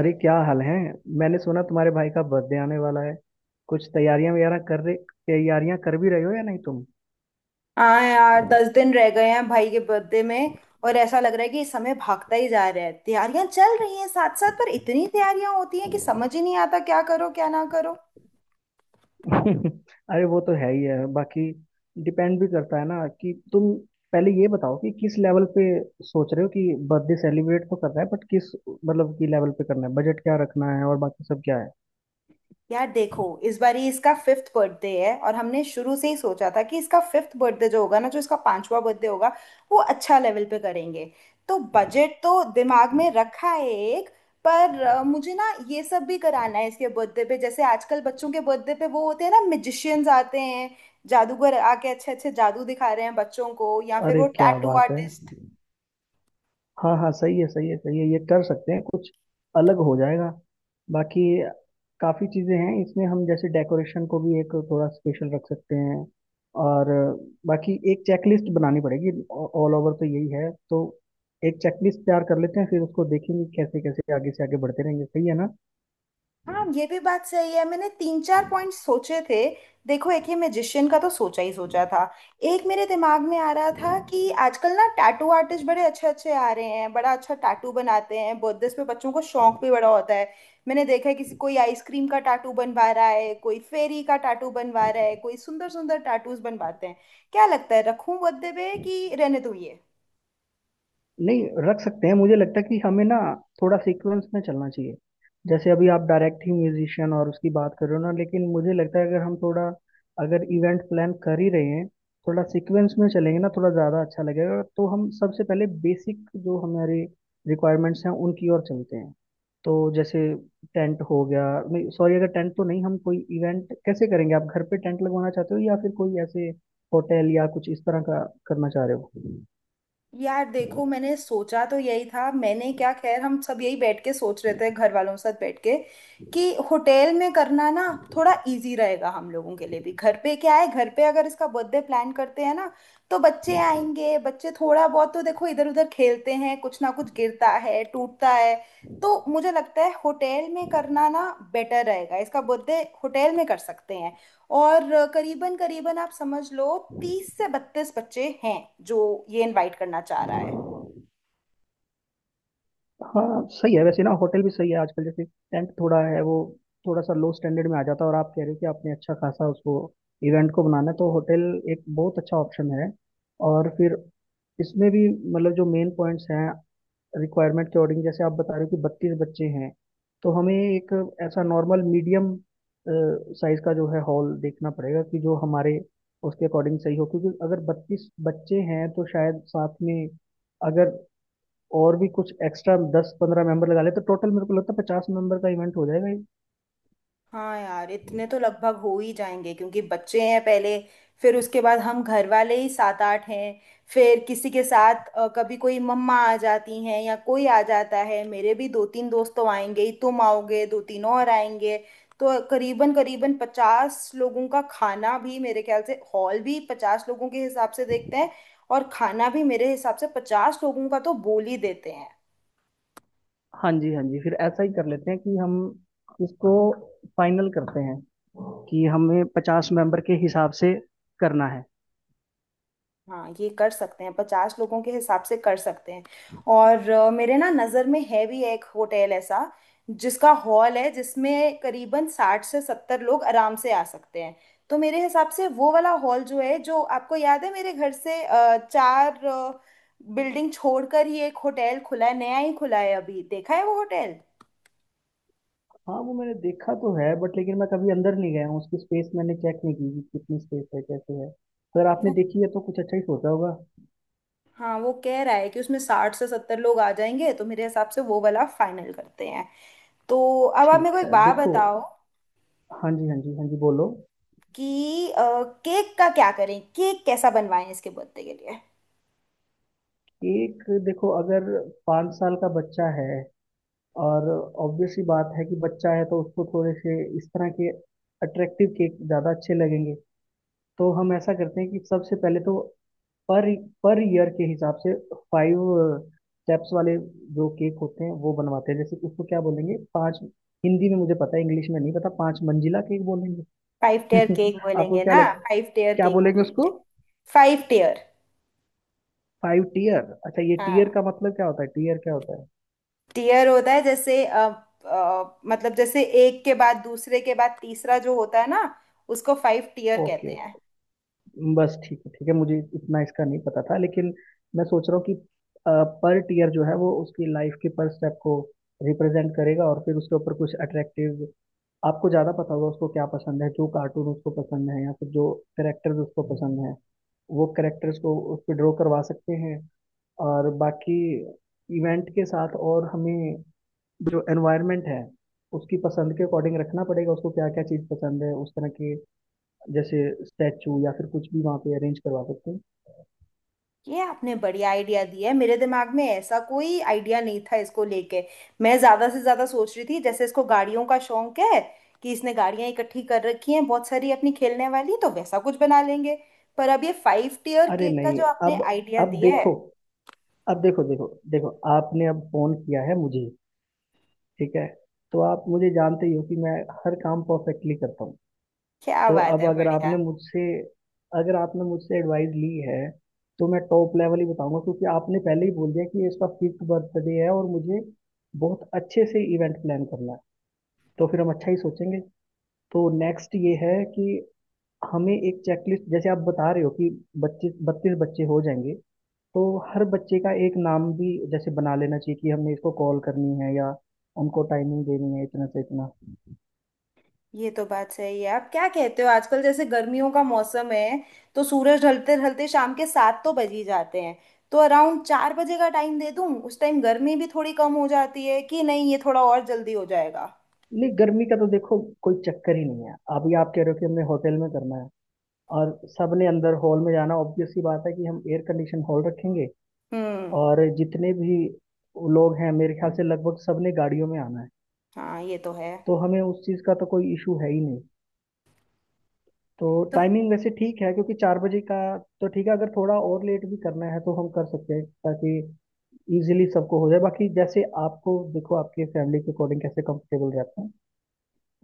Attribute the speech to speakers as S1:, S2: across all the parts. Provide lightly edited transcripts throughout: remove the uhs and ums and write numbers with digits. S1: अरे क्या हाल है। मैंने सुना तुम्हारे भाई का बर्थडे आने वाला है। कुछ तैयारियां वगैरह कर रहे? तैयारियां कर भी रहे हो या नहीं तुम?
S2: हाँ यार, 10 दिन रह गए हैं भाई के बर्थडे में। और ऐसा लग रहा है कि समय भागता ही जा रहा है। तैयारियां चल रही हैं साथ साथ, पर इतनी तैयारियां होती हैं कि समझ ही नहीं आता क्या करो क्या ना करो।
S1: अरे वो तो है ही है। बाकी डिपेंड भी करता है ना कि तुम पहले ये बताओ कि किस लेवल पे सोच रहे हो कि बर्थडे सेलिब्रेट तो करना है, बट किस मतलब की लेवल पे करना है, बजट क्या रखना है और बाकी सब क्या है।
S2: यार देखो, इस बार ही इसका फिफ्थ बर्थडे है और हमने शुरू से ही सोचा था कि इसका फिफ्थ बर्थडे जो होगा ना, जो इसका पांचवा बर्थडे होगा, वो अच्छा लेवल पे करेंगे। तो बजट तो दिमाग में रखा है एक। पर मुझे ना ये सब भी कराना है इसके बर्थडे पे। जैसे आजकल बच्चों के बर्थडे पे वो होते हैं ना, मैजिशियंस आते हैं, जादूगर आके अच्छे अच्छे जादू दिखा रहे हैं बच्चों को, या फिर
S1: अरे
S2: वो
S1: क्या
S2: टैटू
S1: बात है।
S2: आर्टिस्ट।
S1: हाँ हाँ, सही है सही है सही है। ये कर सकते हैं, कुछ अलग हो जाएगा। बाकी काफ़ी चीज़ें हैं इसमें, हम जैसे डेकोरेशन को भी एक थोड़ा स्पेशल रख सकते हैं। और बाकी एक चेकलिस्ट बनानी पड़ेगी। ऑल ओवर तो यही है, तो एक चेकलिस्ट तैयार कर लेते हैं, फिर उसको देखेंगे कैसे कैसे आगे से आगे बढ़ते रहेंगे। सही है ना?
S2: हाँ, ये भी बात सही है, मैंने 3 4 पॉइंट सोचे थे। देखो, एक ये मैजिशियन का तो सोचा ही सोचा था। एक मेरे दिमाग में आ रहा था कि आजकल ना टैटू आर्टिस्ट बड़े अच्छे अच्छे आ रहे हैं, बड़ा अच्छा टैटू बनाते हैं बर्थडे पे, बच्चों को शौक भी बड़ा होता है। मैंने देखा है किसी, कोई आइसक्रीम का टैटू बनवा रहा है, कोई फेरी का टैटू बनवा रहा है, कोई सुंदर सुंदर टैटूज बनवाते हैं। क्या लगता है, रखूं बर्थडे पे कि रहने दूं ये?
S1: नहीं, रख सकते हैं। मुझे लगता है कि हमें ना थोड़ा सीक्वेंस में चलना चाहिए। जैसे अभी आप डायरेक्ट ही म्यूजिशियन और उसकी बात कर रहे हो ना, लेकिन मुझे लगता है अगर हम थोड़ा, अगर इवेंट प्लान कर ही रहे हैं, थोड़ा सीक्वेंस में चलेंगे ना थोड़ा ज़्यादा अच्छा लगेगा। तो हम सबसे पहले बेसिक जो हमारे रिक्वायरमेंट्स हैं उनकी ओर चलते हैं। तो जैसे टेंट हो गया, नहीं सॉरी, अगर टेंट तो नहीं हम कोई इवेंट कैसे करेंगे। आप घर पे टेंट लगवाना चाहते हो या फिर कोई ऐसे होटल या कुछ इस तरह का करना चाह रहे
S2: यार देखो, मैंने सोचा तो यही था, मैंने क्या, खैर हम सब यही बैठ के सोच रहे थे, घर वालों के साथ बैठ के, कि होटल में करना ना थोड़ा इजी रहेगा हम लोगों के लिए भी। घर पे क्या है, घर पे अगर इसका बर्थडे प्लान करते हैं ना, तो बच्चे आएंगे, बच्चे थोड़ा बहुत तो देखो इधर उधर खेलते हैं, कुछ ना कुछ गिरता है टूटता है। तो मुझे लगता है होटल में करना ना बेटर रहेगा, इसका बर्थडे होटल में कर सकते हैं। और करीबन करीबन आप समझ लो 30 से 32 बच्चे हैं जो ये इनवाइट करना चाह रहा है।
S1: हो? हाँ सही है, वैसे ना होटल भी सही है। आजकल जैसे टेंट थोड़ा है वो, थोड़ा सा लो स्टैंडर्ड में आ जाता है, और आप कह रहे हो कि आपने अच्छा खासा उसको इवेंट को बनाना है, तो होटल एक बहुत अच्छा ऑप्शन है। और फिर इसमें भी, मतलब जो मेन पॉइंट्स हैं रिक्वायरमेंट के अकॉर्डिंग, जैसे आप बता रहे हो कि बत्तीस बच्चे हैं, तो हमें एक ऐसा नॉर्मल मीडियम साइज का जो है हॉल देखना पड़ेगा कि जो हमारे उसके अकॉर्डिंग सही हो। क्योंकि अगर बत्तीस बच्चे हैं तो शायद साथ में, अगर और भी कुछ एक्स्ट्रा दस पंद्रह मेंबर लगा ले, तो टोटल मेरे को लगता है पचास मेंबर का इवेंट हो जाएगा ये।
S2: हाँ यार, इतने तो लगभग हो ही जाएंगे। क्योंकि बच्चे हैं पहले, फिर उसके बाद हम घर वाले ही 7 8 हैं, फिर किसी के साथ कभी कोई मम्मा आ जाती हैं या कोई आ जाता है, मेरे भी 2 3 दोस्त तो आएंगे ही, तुम आओगे, 2 3 और आएंगे। तो करीबन करीबन 50 लोगों का खाना भी, मेरे ख्याल से हॉल भी 50 लोगों के हिसाब से देखते हैं, और खाना भी मेरे हिसाब से 50 लोगों का तो बोल ही देते हैं।
S1: हाँ जी हाँ जी, फिर ऐसा ही कर लेते हैं कि हम इसको फाइनल करते हैं कि हमें पचास मेंबर के हिसाब से करना है।
S2: हाँ, ये कर सकते हैं, 50 लोगों के हिसाब से कर सकते हैं। और मेरे ना नज़र में है भी एक होटल ऐसा जिसका हॉल है, जिसमें करीबन 60 से 70 लोग आराम से आ सकते हैं। तो मेरे हिसाब से वो वाला हॉल जो है, जो आपको याद है, मेरे घर से 4 बिल्डिंग छोड़कर ही एक होटल खुला है, नया ही खुला है, अभी देखा है वो होटल।
S1: हाँ वो मैंने देखा तो है बट, लेकिन मैं कभी अंदर नहीं गया हूँ। उसकी स्पेस मैंने चेक नहीं की कि कितनी स्पेस है कैसे है। तो अगर आपने देखी है तो कुछ अच्छा ही सोचा होगा।
S2: हाँ, वो कह रहा है कि उसमें 60 से 70 लोग आ जाएंगे, तो मेरे हिसाब से वो वाला फाइनल करते हैं। तो अब आप मेरे
S1: ठीक
S2: को एक
S1: है
S2: बात
S1: देखो।
S2: बताओ
S1: हाँ जी हाँ जी हाँ जी, बोलो।
S2: कि केक का क्या करें, केक कैसा बनवाएं इसके बर्थडे के लिए?
S1: केक देखो, अगर पाँच साल का बच्चा है और ऑब्वियस सी बात है कि बच्चा है, तो उसको थोड़े से इस तरह के अट्रैक्टिव केक ज़्यादा अच्छे लगेंगे। तो हम ऐसा करते हैं कि सबसे पहले तो, पर पर ईयर के हिसाब से फाइव स्टेप्स वाले जो केक होते हैं वो बनवाते हैं। जैसे उसको क्या बोलेंगे, पांच, हिंदी में मुझे पता है इंग्लिश में नहीं पता, पांच मंजिला केक बोलेंगे।
S2: फाइव टेयर केक
S1: आपको
S2: बोलेंगे
S1: क्या
S2: ना,
S1: लग,
S2: फाइव टेयर
S1: क्या
S2: केक
S1: बोलेंगे उसको?
S2: बोलेंगे। 5 टेयर।
S1: Five tier. अच्छा, ये टीयर
S2: हाँ,
S1: का मतलब क्या होता है? टीयर क्या होता है?
S2: टेयर होता है जैसे मतलब जैसे एक के बाद दूसरे के बाद तीसरा जो होता है ना, उसको 5 टीयर
S1: ओके।
S2: कहते हैं।
S1: बस ठीक है ठीक है, मुझे इतना इसका नहीं पता था। लेकिन मैं सोच रहा हूँ कि पर टीयर जो है वो उसकी लाइफ के पर स्टेप को रिप्रेजेंट करेगा। और फिर उसके ऊपर कुछ अट्रैक्टिव, आपको ज़्यादा पता होगा उसको क्या पसंद है, जो कार्टून उसको पसंद है या फिर जो करेक्टर्स उसको पसंद है, वो करेक्टर्स को उस पर ड्रॉ करवा सकते हैं। और बाकी इवेंट के साथ, और हमें जो एनवायरनमेंट है उसकी पसंद के अकॉर्डिंग रखना पड़ेगा, उसको क्या क्या चीज़ पसंद है उस तरह के, जैसे स्टैचू या फिर कुछ भी वहाँ पे अरेंज करवा सकते हैं।
S2: ये आपने बढ़िया आइडिया दिया है, मेरे दिमाग में ऐसा कोई आइडिया नहीं था इसको लेके। मैं ज्यादा से ज्यादा सोच रही थी, जैसे इसको गाड़ियों का शौक है, कि इसने गाड़ियां इकट्ठी कर रखी हैं बहुत सारी अपनी खेलने वाली, तो वैसा कुछ बना लेंगे। पर अब ये फाइव टीयर
S1: अरे
S2: केक का
S1: नहीं,
S2: जो आपने
S1: अब,
S2: आइडिया
S1: अब
S2: दिया है,
S1: देखो, अब देखो देखो देखो आपने अब फोन किया है मुझे, ठीक है, तो आप मुझे जानते ही हो कि मैं हर काम परफेक्टली करता हूँ।
S2: क्या
S1: तो
S2: बात
S1: अब
S2: है!
S1: अगर आपने मुझसे एडवाइस ली है, तो मैं टॉप लेवल ही बताऊंगा। क्योंकि आपने पहले ही बोल दिया कि ये इसका फिफ्थ बर्थडे है और मुझे बहुत अच्छे से इवेंट प्लान करना है, तो फिर हम अच्छा ही सोचेंगे। तो नेक्स्ट ये है कि हमें एक चेकलिस्ट, जैसे आप बता रहे हो कि बच्चे बत्तीस बच्चे हो जाएंगे, तो हर बच्चे का एक नाम भी जैसे बना लेना चाहिए कि हमें इसको कॉल करनी है या उनको टाइमिंग देनी है इतना से इतना।
S2: ये तो बात सही है। आप क्या कहते हो, आजकल जैसे गर्मियों का मौसम है, तो सूरज ढलते ढलते शाम के 7 तो बज ही जाते हैं, तो अराउंड 4 बजे का टाइम दे दूं? उस टाइम गर्मी भी थोड़ी कम हो जाती है कि नहीं, ये थोड़ा और जल्दी हो जाएगा।
S1: नहीं, गर्मी का तो देखो कोई चक्कर ही नहीं है। अभी आप कह रहे हो कि हमने होटल में करना है और सबने अंदर हॉल में जाना, ऑब्वियस सी बात है कि हम एयर कंडीशन हॉल रखेंगे।
S2: हम्म।
S1: और जितने भी लोग हैं मेरे ख्याल से लगभग सबने गाड़ियों में आना है,
S2: हाँ, ये तो है।
S1: तो हमें उस चीज़ का तो कोई इशू है ही नहीं। तो टाइमिंग वैसे ठीक है, क्योंकि चार बजे का तो ठीक है। अगर थोड़ा और लेट भी करना है तो हम कर सकते हैं, ताकि इजीली सबको हो जाए। बाकी जैसे आपको देखो, आपके फैमिली के अकॉर्डिंग कैसे कंफर्टेबल रहते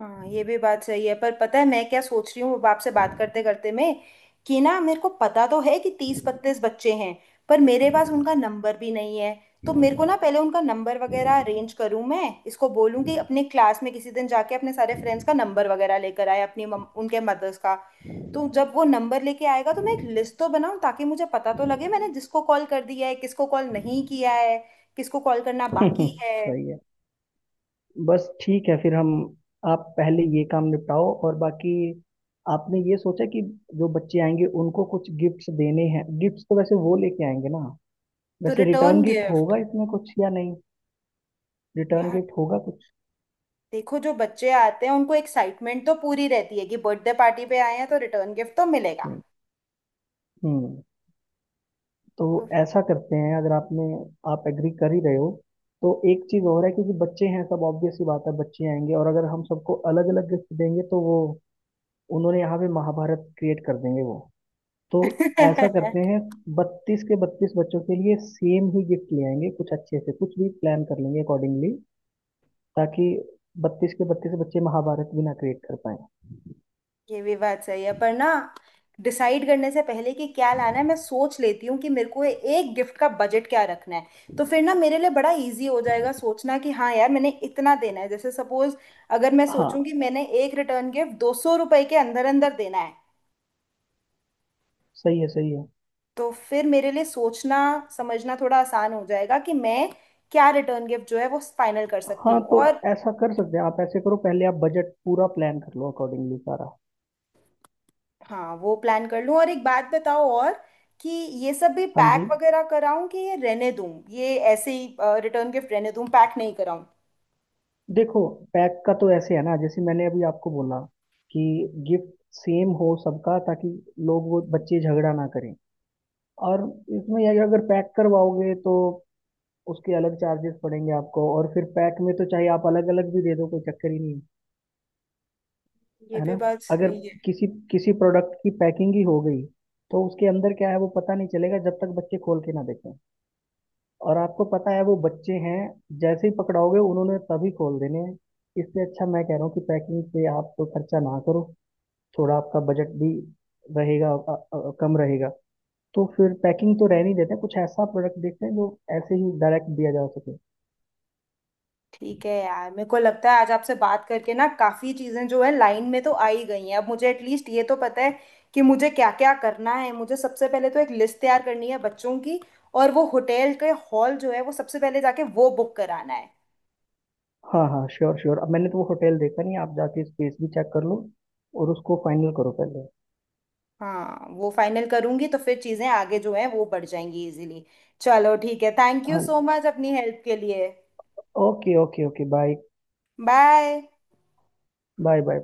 S2: हाँ, ये भी बात सही है। पर पता है मैं क्या सोच रही हूँ अब आपसे बात करते करते में, कि ना मेरे को पता तो है कि 30 32 बच्चे हैं, पर मेरे पास उनका नंबर भी नहीं है। तो मेरे को ना पहले उनका नंबर वगैरह अरेंज करूँ, मैं इसको बोलूँ कि अपने क्लास में किसी दिन जाके अपने सारे फ्रेंड्स का नंबर वगैरह लेकर आए, अपनी उनके मदर्स का। तो जब वो नंबर लेके आएगा, तो मैं एक लिस्ट तो बनाऊँ, ताकि मुझे पता तो लगे मैंने जिसको कॉल कर दिया है, किसको कॉल नहीं किया है, किसको कॉल करना
S1: हैं।
S2: बाकी है।
S1: सही है। बस ठीक है, फिर हम, आप पहले ये काम निपटाओ। और बाकी, आपने ये सोचा कि जो बच्चे आएंगे उनको कुछ गिफ्ट्स देने हैं? गिफ्ट्स तो वैसे वो लेके आएंगे ना,
S2: तो
S1: वैसे
S2: रिटर्न
S1: रिटर्न गिफ्ट
S2: गिफ्ट,
S1: होगा इसमें कुछ या नहीं? रिटर्न
S2: यार
S1: गिफ्ट होगा कुछ?
S2: देखो, जो बच्चे आते हैं उनको एक्साइटमेंट तो पूरी रहती है कि बर्थडे पार्टी पे आए हैं, तो रिटर्न गिफ्ट तो मिलेगा।
S1: नहीं। हम्म, तो ऐसा करते हैं। अगर आपने, आप एग्री कर ही रहे हो, तो एक चीज़ और है। क्योंकि बच्चे हैं सब, ऑब्वियस सी बात है बच्चे आएंगे, और अगर हम सबको अलग अलग गिफ्ट देंगे तो वो उन्होंने यहाँ पे महाभारत क्रिएट कर देंगे वो। तो ऐसा करते हैं, बत्तीस के बत्तीस बच्चों के लिए सेम ही गिफ्ट ले आएंगे, कुछ अच्छे से कुछ भी प्लान कर लेंगे अकॉर्डिंगली, ताकि बत्तीस के बत्तीस बच्चे महाभारत भी ना क्रिएट कर पाए।
S2: ये भी बात सही है। पर ना, डिसाइड करने से पहले कि क्या लाना है, मैं सोच लेती हूँ कि मेरे को एक गिफ्ट का बजट क्या रखना है। तो फिर ना मेरे लिए बड़ा इजी हो जाएगा सोचना कि हाँ यार, मैंने इतना देना है। जैसे सपोज, अगर मैं
S1: हाँ
S2: सोचूं कि मैंने एक रिटर्न गिफ्ट 200 रुपए के अंदर अंदर देना है,
S1: सही है सही है।
S2: तो फिर मेरे लिए सोचना समझना थोड़ा आसान हो जाएगा कि मैं क्या रिटर्न गिफ्ट जो है वो फाइनल कर सकती
S1: हाँ
S2: हूँ।
S1: तो
S2: और
S1: ऐसा कर सकते हैं, आप ऐसे करो, पहले आप बजट पूरा प्लान कर लो अकॉर्डिंगली सारा।
S2: हाँ, वो प्लान कर लूँ। और एक बात बताओ और, कि ये सब भी
S1: हाँ जी।
S2: पैक वगैरह कराऊं कि ये रहने दूं, ये ऐसे ही रिटर्न गिफ्ट रहने दूं, पैक नहीं कराऊं?
S1: देखो, पैक का तो ऐसे है ना, जैसे मैंने अभी आपको बोला कि गिफ्ट सेम हो सबका ताकि लोग, वो बच्चे झगड़ा ना करें। और इसमें यह है कि अगर पैक करवाओगे तो उसके अलग चार्जेस पड़ेंगे आपको, और फिर पैक में तो चाहे आप अलग अलग भी दे दो कोई चक्कर ही नहीं है।
S2: ये
S1: है
S2: भी
S1: ना?
S2: बात
S1: अगर
S2: सही है।
S1: किसी किसी प्रोडक्ट की पैकिंग ही हो गई तो उसके अंदर क्या है वो पता नहीं चलेगा जब तक बच्चे खोल के ना देखें। और आपको पता है वो बच्चे हैं, जैसे ही पकड़ाओगे उन्होंने तभी खोल देने हैं। इससे अच्छा मैं कह रहा हूँ कि पैकिंग पे आप तो खर्चा ना करो। थोड़ा आपका बजट भी रहेगा कम रहेगा। तो फिर पैकिंग तो रहने ही देते हैं, कुछ ऐसा प्रोडक्ट देखते हैं जो ऐसे ही डायरेक्ट दिया जा सके।
S2: ठीक है यार, मेरे को लगता है आज आपसे बात करके ना काफ़ी चीज़ें जो है लाइन में तो आ ही गई हैं। अब मुझे एटलीस्ट ये तो पता है कि मुझे क्या क्या करना है। मुझे सबसे पहले तो एक लिस्ट तैयार करनी है बच्चों की, और वो होटल के हॉल जो है वो सबसे पहले जाके वो बुक कराना है।
S1: हाँ हाँ श्योर श्योर, अब मैंने तो वो होटल देखा नहीं, आप जाके स्पेस भी चेक कर लो और उसको फाइनल करो पहले।
S2: हाँ, वो फाइनल करूंगी तो फिर चीजें आगे जो है वो बढ़ जाएंगी इजीली। चलो ठीक है, थैंक यू
S1: हाँ
S2: सो मच अपनी हेल्प के लिए।
S1: Okay okay okay, bye.
S2: Bye.
S1: Bye bye.